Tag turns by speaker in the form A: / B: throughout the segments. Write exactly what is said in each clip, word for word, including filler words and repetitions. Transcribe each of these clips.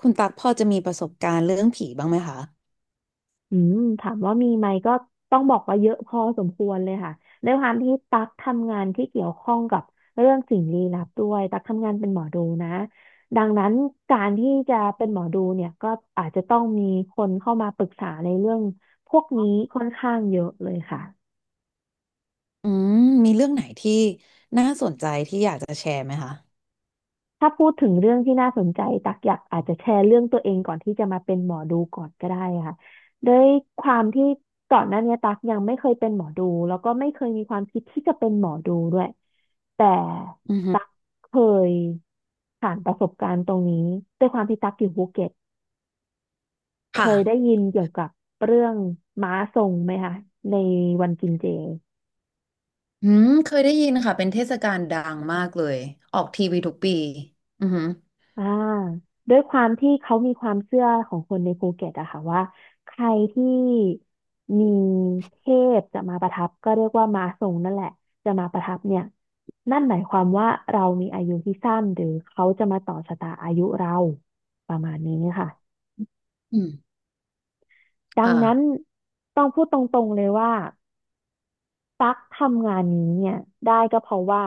A: คุณตักพอจะมีประสบการณ์เรื่องผีบ้างไหมคะ
B: อืมถามว่ามีไหมก็ต้องบอกว่าเยอะพอสมควรเลยค่ะด้วยความที่ตั๊กทำงานที่เกี่ยวข้องกับเรื่องสิ่งลี้ลับด้วยตั๊กทำงานเป็นหมอดูนะดังนั้นการที่จะเป็นหมอดูเนี่ยก็อาจจะต้องมีคนเข้ามาปรึกษาในเรื่องพวกนี้ค่อนข้างเยอะเลยค่ะ
A: อืมมีเรื่องไหนที่น่าสนใจที่อยากจะแชร์ไหมคะ
B: ถ้าพูดถึงเรื่องที่น่าสนใจตักอยากอาจจะแชร์เรื่องตัวเองก่อนที่จะมาเป็นหมอดูก่อนก็ได้ค่ะด้วยความที่ก่อนหน้านี้ตักยังไม่เคยเป็นหมอดูแล้วก็ไม่เคยมีความคิดที่จะเป็นหมอดูด้วยแต่
A: อือฮึ
B: ตักเคยผ่านประสบการณ์ตรงนี้ด้วยความที่ตักอยู่ภูเก็ตเคยได้
A: ค่ะ
B: ยินเกี่ยวกับเรื่องม้าทรงไหมคะในวันกินเจ
A: อืมเคยได้ยินค่ะเป็นเทศกาลดังมากเลย ออกทีวีทุกปีอือหือ
B: อ่าด้วยความที่เขามีความเชื่อของคนในภูเก็ตอะค่ะว่าใครที่มีเทพจะมาประทับก็เรียกว่ามาทรงนั่นแหละจะมาประทับเนี่ยนั่นหมายความว่าเรามีอายุที่สั้นหรือเขาจะมาต่อชะตาอายุเราประมาณนี้ค่ะ
A: อืม
B: ดังนั้น
A: ค่ะ
B: ต้องพูดตรงๆเลยว่าตั๊กทำงานนี้เนี่ยได้ก็เพราะว่า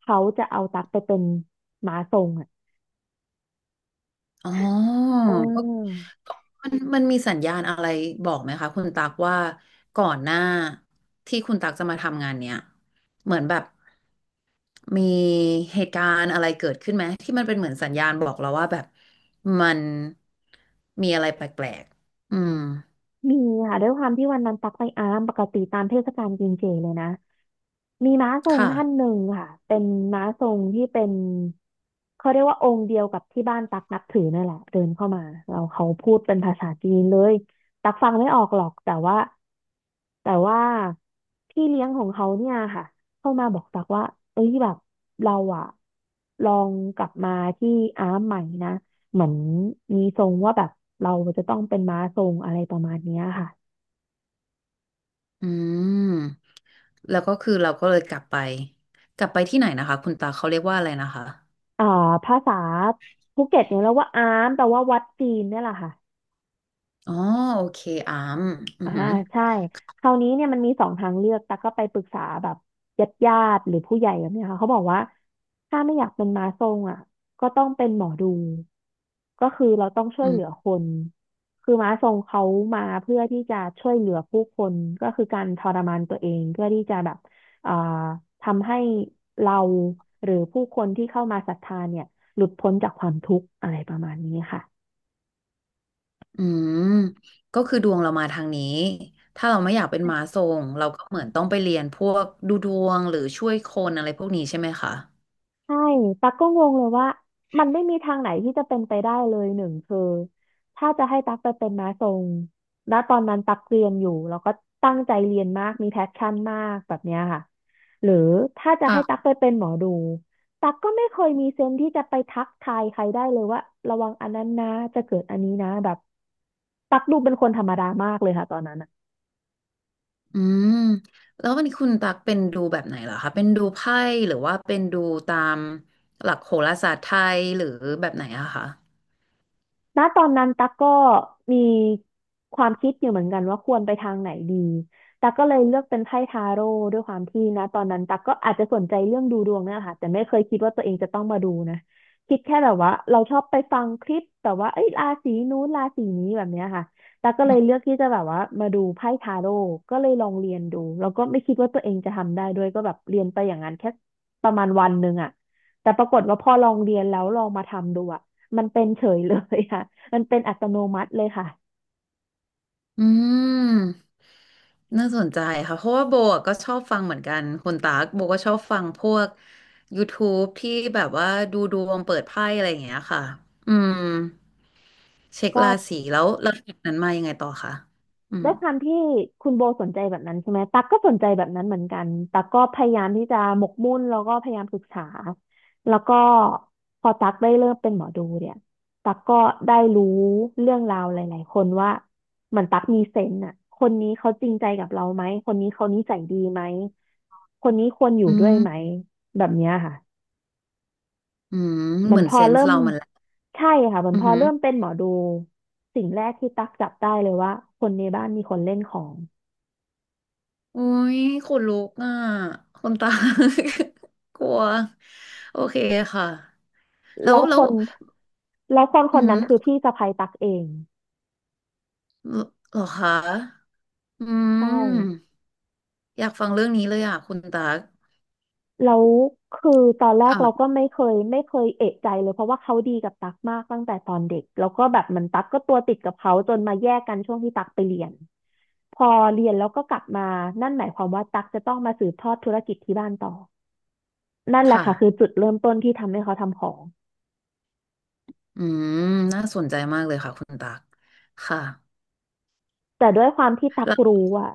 B: เขาจะเอาตั๊กไปเป็นหมาทรงอะ
A: อ๋อ
B: เ
A: ก็
B: ออ
A: มันมันมีสัญญาณอะไรบอกไหมคะ คุณตักว่าก่อนหน้าที่คุณตักจะมาทำงานเนี้ย เหมือนแบบ มีเหตุการณ์อะไรเกิดขึ้นไหมที่มันเป็นเหมือนสัญญาณบอกเราว่าแบบมันมีอะไรแปลกๆอืม
B: มีค่ะด้วยความที่วันนั้นตักไปอารามปกติตามเทศกาลกินเจเลยนะมีม้าทรงท่านห
A: ค่ะ
B: นึ่งค่ะเป็นม้าทรงที่เป็นเขาเรียกว่าองค์เดียวกับที่บ้านตักนับถือนั่นแหละเดินเข้ามาเราเขาพูดเป็นภาษาจีนเลยตักฟังไม่ออกหรอกแต่ว่าแต่ว่าพี่เลี้ยงของเขาเนี่ยค่ะเข้ามาบอกตักว่าเอ้ยแบบเราอะลองกลับมาที่อาร์มใหม่นะ เหมือนมีทรงว่าแบบเราจะต้องเป็นม้าทรงอะไรประมาณเนี้ยค่ะ
A: อืม แล้วก็คือเราก็เลยกลับไปกลับไปที่ไหนนะคะคุณตาเขาเรียกว่าอะไรนะคะ
B: อ่าภาษาภูเก็ตเนี่ยเราว่าอามแปลว่าวัดจีนเนี่ยแหละค่ะ
A: อ๋อโอเคอามอื
B: อ่า
A: อหือ
B: ใช่คราวนี้เนี่ยมันมีสองทางเลือกแต่กก็ไปปรึกษาแบบญาติญาติหรือผู้ใหญ่แบบเนี้ยค่ะเขาบอกว่าถ้าไม่อยากเป็นม้าทรงอ่ะก็ต้องเป็นหมอดูก็คือเราต้องช่ว
A: อื
B: ยเห
A: ม
B: ลือคนคือม้าทรงเขามาเพื่อที่จะช่วยเหลือผู้คนก็คือการทรมานตัวเองเพื่อที่จะแบบอ่าทำให้เราหรือผู้คนที่เข้ามาศรัทธาเนี่ยหลุดพ้นจากความทุกข์อะไรประมาณนี้ค่ะ
A: อืมก็คือดวงเรามาทางนี้ถ้าเราไม่อยากเป็นมาทรงเราก็เหมือนต้องไปเรียนพวกดูดวงหรือช่วยคนอะไรพวกนี้ใช่ไหมคะ
B: ใช่ตั๊กก็งงเลยว่ามันไม่มีทางไหนที่จะเป็นไปได้เลยหนึ่งคือถ้าจะให้ตั๊กไปเป็นม้าทรงแล้วตอนนั้นตั๊กเรียนอยู่แล้วก็ตั้งใจเรียนมากมีแพชชั่นมากแบบเนี้ยค่ะหรือถ้าจะให้ตั๊กไปเป็นหมอดูตั๊กก็ไม่เคยมีเซนส์ที่จะไปทักทายใครได้เลยว่าระวังอันนั้นนะจะเกิดอันนี้นะแบบตั๊กดูเป็นคนธรรมดามากเลยค่ะตอนนั้นอะ
A: อืมแล้ววันนี้คุณตักเป็นดูแบบไหนเหรอคะเป็นดูไพ่หรือว่าเป็นดูตามหลักโหราศาสตร์ไทยหรือแบบไหนอะคะ
B: ณตอนนั้นตั๊กก็มีความคิดอยู่เหมือนกันว่าควรไปทางไหนดีตั๊กก็เลยเลือกเป็นไพ่ทาโร่ด้วยความที่นะตอนนั้นตั๊กก็อาจจะสนใจเรื่องดูดวงเนี่ยแหละค่ะแต่ไม่เคยคิดว่าตัวเองจะต้องมาดูนะคิดแค่แบบว่าเราชอบไปฟังคลิปแต่ว่าเอ้ยราศีนู้นราศีนี้แบบเนี้ยค่ะตั๊กก็เลยเลือกที่จะแบบว่ามาดูไพ่ทาโร่ก็เลยลองเรียนดูแล้วก็ไม่คิดว่าตัวเองจะทำได้ด้วยก็แบบเรียนไปอย่างนั้นแค่ประมาณวันหนึ่งอะแต่ปรากฏว่าพอลองเรียนแล้วลองมาทำดูอะ มันเป็นเฉยเลยค่ะ มันเป็นอัตโนมัติเลยค่ะ
A: อืมน่าสนใจค่ะเพราะว่าโบอะก็ชอบฟังเหมือนกันคุณตากโบก็ชอบฟังพวก ยูทูบ ทบที่แบบว่าดูดวงเปิดไพ่อะไรอย่างเงี้ยค่ะอืมเช็ค
B: ก็
A: ราศีแล้วแล้วจากนั้นมายังไงต่อคะอืม
B: ด้วยความที่คุณโบสนใจแบบนั้นใช่ไหมตั๊กก็สนใจแบบนั้นเหมือนกันตั๊กก็พยายามที่จะหมกมุ่นแล้วก็พยายามศึกษาแล้วก็พอตั๊กได้เริ่มเป็นหมอดูเนี่ยตั๊กก็ได้รู้เรื่องราวหลายๆคนว่าเหมือนตั๊กมีเซนส์อ่ะคนนี้เขาจริงใจกับเราไหมคนนี้เขานิสัยดีไหมคนนี้ควรอ
A: อื
B: ยู่ด้วยไหม
A: ม
B: แบบเนี้ยค่ะ
A: อืม
B: เหมื
A: เห
B: อ
A: มื
B: น
A: อน
B: พอ
A: เซน
B: เริ่
A: ส์
B: ม
A: เรามันแหละ
B: ใช่ค่ะเหมือน
A: อื
B: พอเริ่มเป็
A: ม
B: นหมอดูสิ่งแรกที่ตักจับได้เลยว่าคนในบ้านมีคนเล่นของ
A: อุ้ยขนลุกอ่ะคนตา กลัวโอเคค่ะแล้ว
B: แล้ว
A: แล้
B: ค
A: ว
B: นแล้วคนค
A: อื
B: นนั้นคือ
A: ม
B: พี่สะใภ้ตักเอง
A: เหรอคะอื
B: ใช่
A: มอยากฟังเรื่องนี้เลยอ่ะคุณตาก
B: แล้วคือตอนแรกเราก็
A: ค่ะ
B: ไม่เคยไม่เคยเอะใจเลยเพราะว่าเขาดีกับตักมากตั้งแต่ตอนเด็กแล้วก็แบบเหมันตักก็ตัวติดกับเขาจนมาแยกกันช่วงที่ตักไปเรียนพอเรียนแล้วก็กลับมานั่นหมายความว่าตักจะต้องมาสืบทอดธุรกิจที่บ้านต่อนั่น
A: ค
B: แหละค่ะคือ
A: ่ะ
B: จุดเริ่มต้นที่ทำให้เขาทำของ
A: อืมน่าสนใจมากเลยค่ะคุณตากค่ะ
B: แต่ด้วยความที่ตัก
A: แล้ว
B: รู้อ่ะ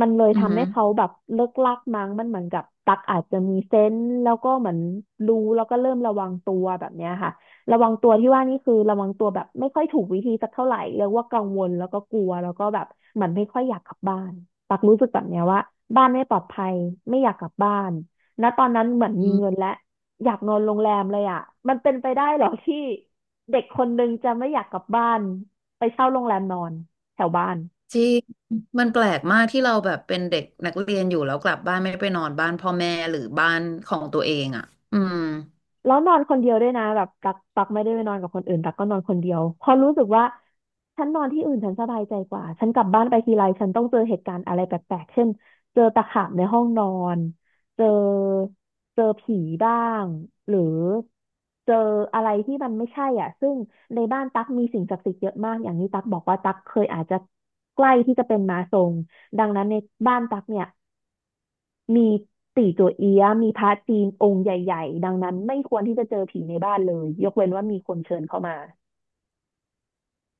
B: มันเลย
A: อืม
B: ทำให้เขาแบบเลิกลักมั้งมันเหมือนกับตักอาจจะมีเซนส์แล้วก็เหมือนรู้แล้วก็เริ่มระวังตัวแบบเนี้ยค่ะระวังตัวที่ว่านี่คือระวังตัวแบบไม่ค่อยถูกวิธีสักเท่าไหร่เรียกว่ากังวลแล้วก็กลัวแล้วก็แบบเหมือนไม่ค่อยอยากกลับบ้านตักรู้สึกแบบเนี้ยว่าบ้านไม่ปลอดภัยไม่อยากกลับบ้านณตอนนั้นเหมือน
A: อื
B: มีเงิน
A: ม
B: และอยากนอนโรงแรมเลยอ่ะมันเป็นไปได้เหรอที่เด็กคนนึงจะไม่อยากกลับบ้านไปเช่าโรงแรมนอน แถวบ้าน
A: จริงมันแปลกมากที่เราแบบเป็นเด็กนักเรียนอยู่แล้วกลับบ้านไม่ไปนอนบ้านพ่อแม่หรือบ้านของตัวเองอ่ะอืม
B: แล้วนอนคนเดียวด้วยนะแบบตักตักไม่ได้ไปนอนกับคนอื่นตักก็นอนคนเดียวเพอรู้สึกว่าฉันนอนที่อื่นฉันสบายใจกว่าฉันกลับบ้านไปทีไรฉันต้องเจอเหตุการณ์อะไรแปลกๆเช่นเจอตะขาบในห้องนอนเจอเจอผีบ้างหรือเจออะไรที่มันไม่ใช่อ่ะซึ่งในบ้านตักมีสิ่งศักดิ์สิทธิ์เยอะมากอย่างนี้ตักบอกว่าตักเคยอาจจะใกล้ที่จะเป็นม้าทรงดังนั้นในบ้านตักเนี่ย มีตี่จั่วเอี้ยะมีพระจีนองค์ใหญ่ๆดังนั้นไม่ควรที่จะเจอผีในบ้านเลยยกเว้นว่ามีคนเชิญเข้ามา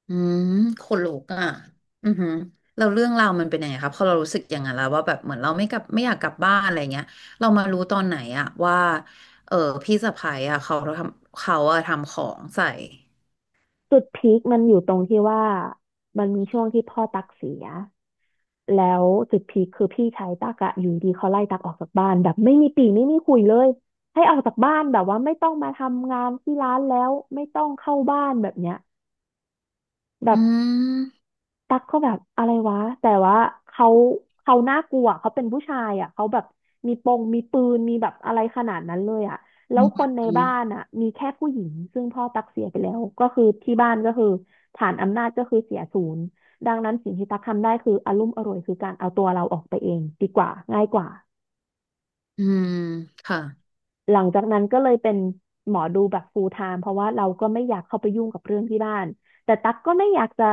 A: อืมขนลุกอ่ะอือหือเราเรื่องราวมันเป็นยังไงครับพอเรารู้สึกอย่างนั้นแล้วว่าแบบเหมือนเราไม่กลับไม่อยากกลับบ้านอะไรเงี้ยเรามารู้ตอนไหนอะว่าเออพี่สะใภ้อะเขาทำเขาอะทำของใส่
B: จุดพีคมันอยู่ตรงที่ว่ามันมีช่วงที่พ่อตั๊กเสียแล้วจุดพีคคือพี่ชายตั๊กอะอยู่ดีเขาไล่ตั๊กออกจากบ้านแบบไม่มีปี่ไม่มีคุยเลยให้ออกจากบ้านแบบว่าไม่ต้องมาทำงานที่ร้านแล้วไม่ต้องเข้าบ้านแบบเนี้ยแบบ
A: อืม
B: ตั๊กก็แบบอะไรวะแต่ว่าเขาเขาน่ากลัวเขาเป็นผู้ชายอ่ะเขาแบบมีปงมีปืนมีแบบอะไรขนาดนั้นเลยอ่ะแล้
A: อื
B: วคนใน
A: ม
B: บ้านอ่ะมีแค่ผู้หญิงซึ่งพ่อตั๊กเสียไปแล้วก็คือที่บ้านก็คือฐานอำนาจก็คือเสียศูนย์ดังนั้นสิ่งที่ตั๊กทำได้คืออารุ่มอร่วยคือการเอาตัวเราออกไปเองดีกว่าง่ายกว่า
A: อืมค่ะ
B: หลังจากนั้นก็เลยเป็นหมอดูแบบ ฟูลไทม์ เพราะว่าเราก็ไม่อยากเข้าไปยุ่งกับเรื่องที่บ้าน แต่ตั๊กก็ไม่อยากจะ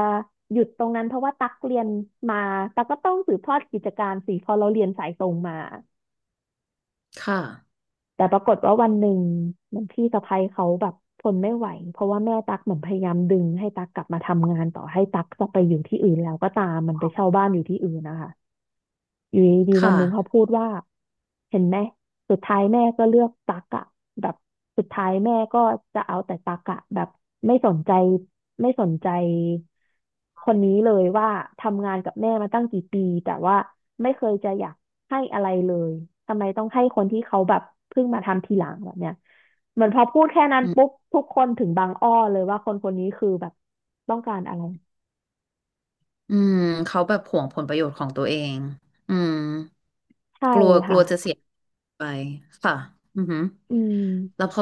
B: หยุดตรงนั้นเพราะว่าตั๊กเรียนมาตั๊กก็ต้องสืบทอดกิจการสิเพอเราเรียนสายตรงมา
A: ค่ะ
B: แต่ปรากฏว่าวันหนึ่งเหมือนพี่สะใภ้เขาแบบทนไม่ไหวเพราะว่าแม่ตั๊กเหมือนพยายามดึงให้ตั๊กกลับมาทำงานต่อให้ตั๊กจะไปอยู่ที่อื่นแล้วก็ตามมันไปเช่าบ้านอยู่ที่อื่นนะคะ อยู่ดีๆวัน
A: ค่ะ
B: หนึ่งเขาพูดว่าเห็นไหมสุดท้ายแม่ก็เลือกตักอะแบบสุดท้ายแม่ก็จะเอาแต่ตักอะแบบไม่สนใจไม่สนใจคนนี้เลยว่าทำงานกับแม่มาตั้งกี่ปีแต่ว่าไม่เคยจะอยากให้อะไรเลยทำไมต้องให้คนที่เขาแบบเพิ่งมาทำทีหลังแบบเนี้ยเหมือนพอพูดแค่นั้น
A: อื
B: ปุ๊บ
A: ม
B: ทุกคนถึงบางอ้อเลยว่าคนคนนี้คือแบบต้องการอะไร
A: อืมเขาแบบหวงผลประโยชน์ของตัวเองอืม
B: ใช่
A: กลัวก
B: ค่ะ
A: ลัวจะเสียไปค่ะอือหือ
B: อืม
A: แล้วพอ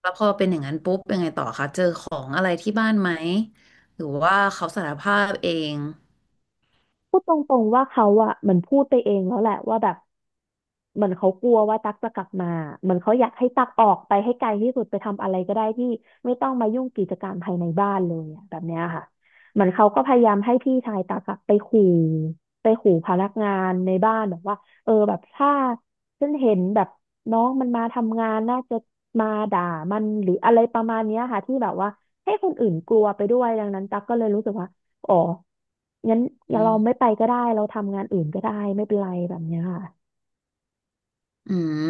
A: แล้วพอเป็นอย่างนั้นปุ๊บยังไงต่อคะเจอของอะไรที่บ้านไหมหรือว่าเขาสารภาพเอง
B: พูดตรงๆว่าเขาอะเหมือนพูดไปเองแล้วแหละว่าแบบเหมือนเขากลัวว่าตั๊กจะกลับมาเหมือนเขาอยากให้ตั๊กออกไปให้ไกลที่สุดไปทำอะไรก็ได้ที่ไม่ต้องมายุ่งกิจการภายในบ้านเลยอะแบบเนี้ยค่ะเหมือนเขาก็พยายามให้พี่ชายตั๊กอะไปขู่ไปขู่พนักงานในบ้านแบบว่าเออแบบถ้าฉันเห็นแบบน้องมันมาทำงานน่าจะมาด่ามันหรืออะไรประมาณเนี้ยค่ะที่แบบว่าให้คนอื่นกลัวไปด้วยดังนั้นตั๊กก็เลยรู้สึกว่า อ๋องั้น
A: อื
B: เรา
A: ม
B: ไม่ไปก็ได้ เราทำงานอื่นก็ได้ไม่เป็นไรแบบเนี้ยค่ะ
A: อืม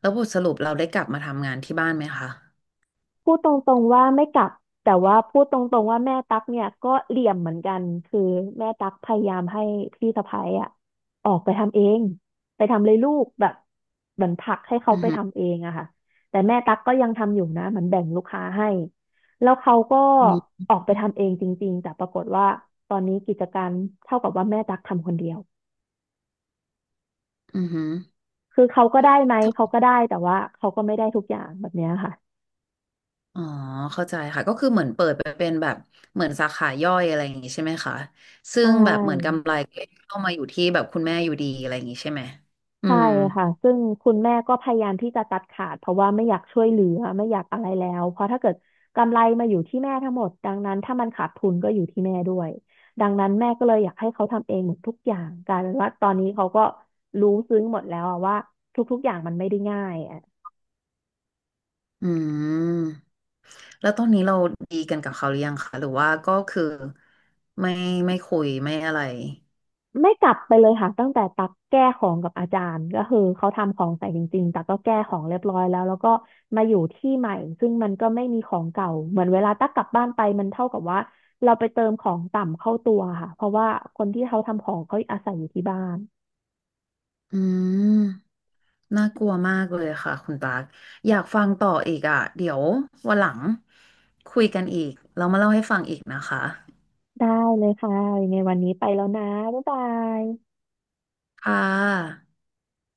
A: แล้วบทสรุปเราได้กลับมาทำงานที่บ้านไหมคะ
B: พูดตรงๆว่าไม่กลับแต่ว่าพูดตรงๆว่าแม่ตั๊กเนี่ยก็เหลี่ยมเหมือนกันคือแม่ตั๊กพยายามให้พี่สะใภ้อะออกไปทำเองไปทำเลยลูกแบบเหมือนผลักให้เขา
A: อือ
B: ไป
A: หือ
B: ทำเองอะค่ะแต่แม่ตั๊กก็ยังทำอยู่นะเหมือนแบ่งลูกค้าให้ แล้วเขาก็
A: อืม
B: ออกไปทำเองจริงๆแต่ปรากฏว่าตอนนี้กิจการเท่ากับว่าแม่ตั๊กทำคนเดียว
A: ออหือ
B: คือเขาก็ได้ไหมเขาก็ได้แต่ว่าเขาก็ไม่ได้ทุกอย่างแบบเนี้ยค่ะ
A: อ๋อเข้าใจค่ะก็คือเหมือนเปิดไปเป็นแบบเหมือนสาขาย่อยอะไรอย่างงี้ใช่ไหมคะซึ่
B: ใช
A: งแบบเหมือน
B: ่
A: กำไรก็เข้ามาอยู่ที่แบบคุณแม่อยู่ดีอะไรอย่างงี้ใช่ไหมอื
B: ใช่
A: ม
B: ค่ะซึ่งคุณแม่ก็พยายามที่จะตัดขาดเพราะว่าไม่อยากช่วยเหลือไม่อยากอะไรแล้วเพราะถ้าเกิดกำไรมาอยู่ที่แม่ทั้งหมดดังนั้นถ้ามันขาดทุนก็อยู่ที่แม่ด้วยดังนั้นแม่ก็เลยอยากให้เขาทำเองหมดทุกอย่างกลายเป็นว่าตอนนี้เขาก็รู้ซึ้งหมดแล้วอะว่าทุกๆอย่างมันไม่ได้ง่าย
A: อืมแล้วตอนนี้เราดีกันกับเขาหรือยังคะหรือว่าก็คือไม่ไม่คุยไม่อะไร
B: ไม่กลับไปเลยค่ะตั้งแต่ตักแก้ของกับอาจารย์ก็คือเขาทำของใส่จริงๆตักก็แก้ของเรียบร้อยแล้วแล้วก็มาอยู่ที่ใหม่ซึ่งมันก็ไม่มีของเก่าเหมือนเวลาตักกลับบ้านไปมันเท่ากับว่าเราไปเติมของต่ำเข้าตัวค่ะเพราะว่าคนที่เขาทำของเขาอาศัยอยู่ที่บ้าน
A: อืมน่ากลัวมากเลยค่ะคุณปาร์คอยากฟังต่ออีกอ่ะเดี๋ยววันหลังคุยกันอีกเรามาเล่าให้ฟังอีกนะคะ
B: ได้เลยค่ะยังไงวันนี้ไปแล้วนะบ๊ายบาย
A: ค่ะ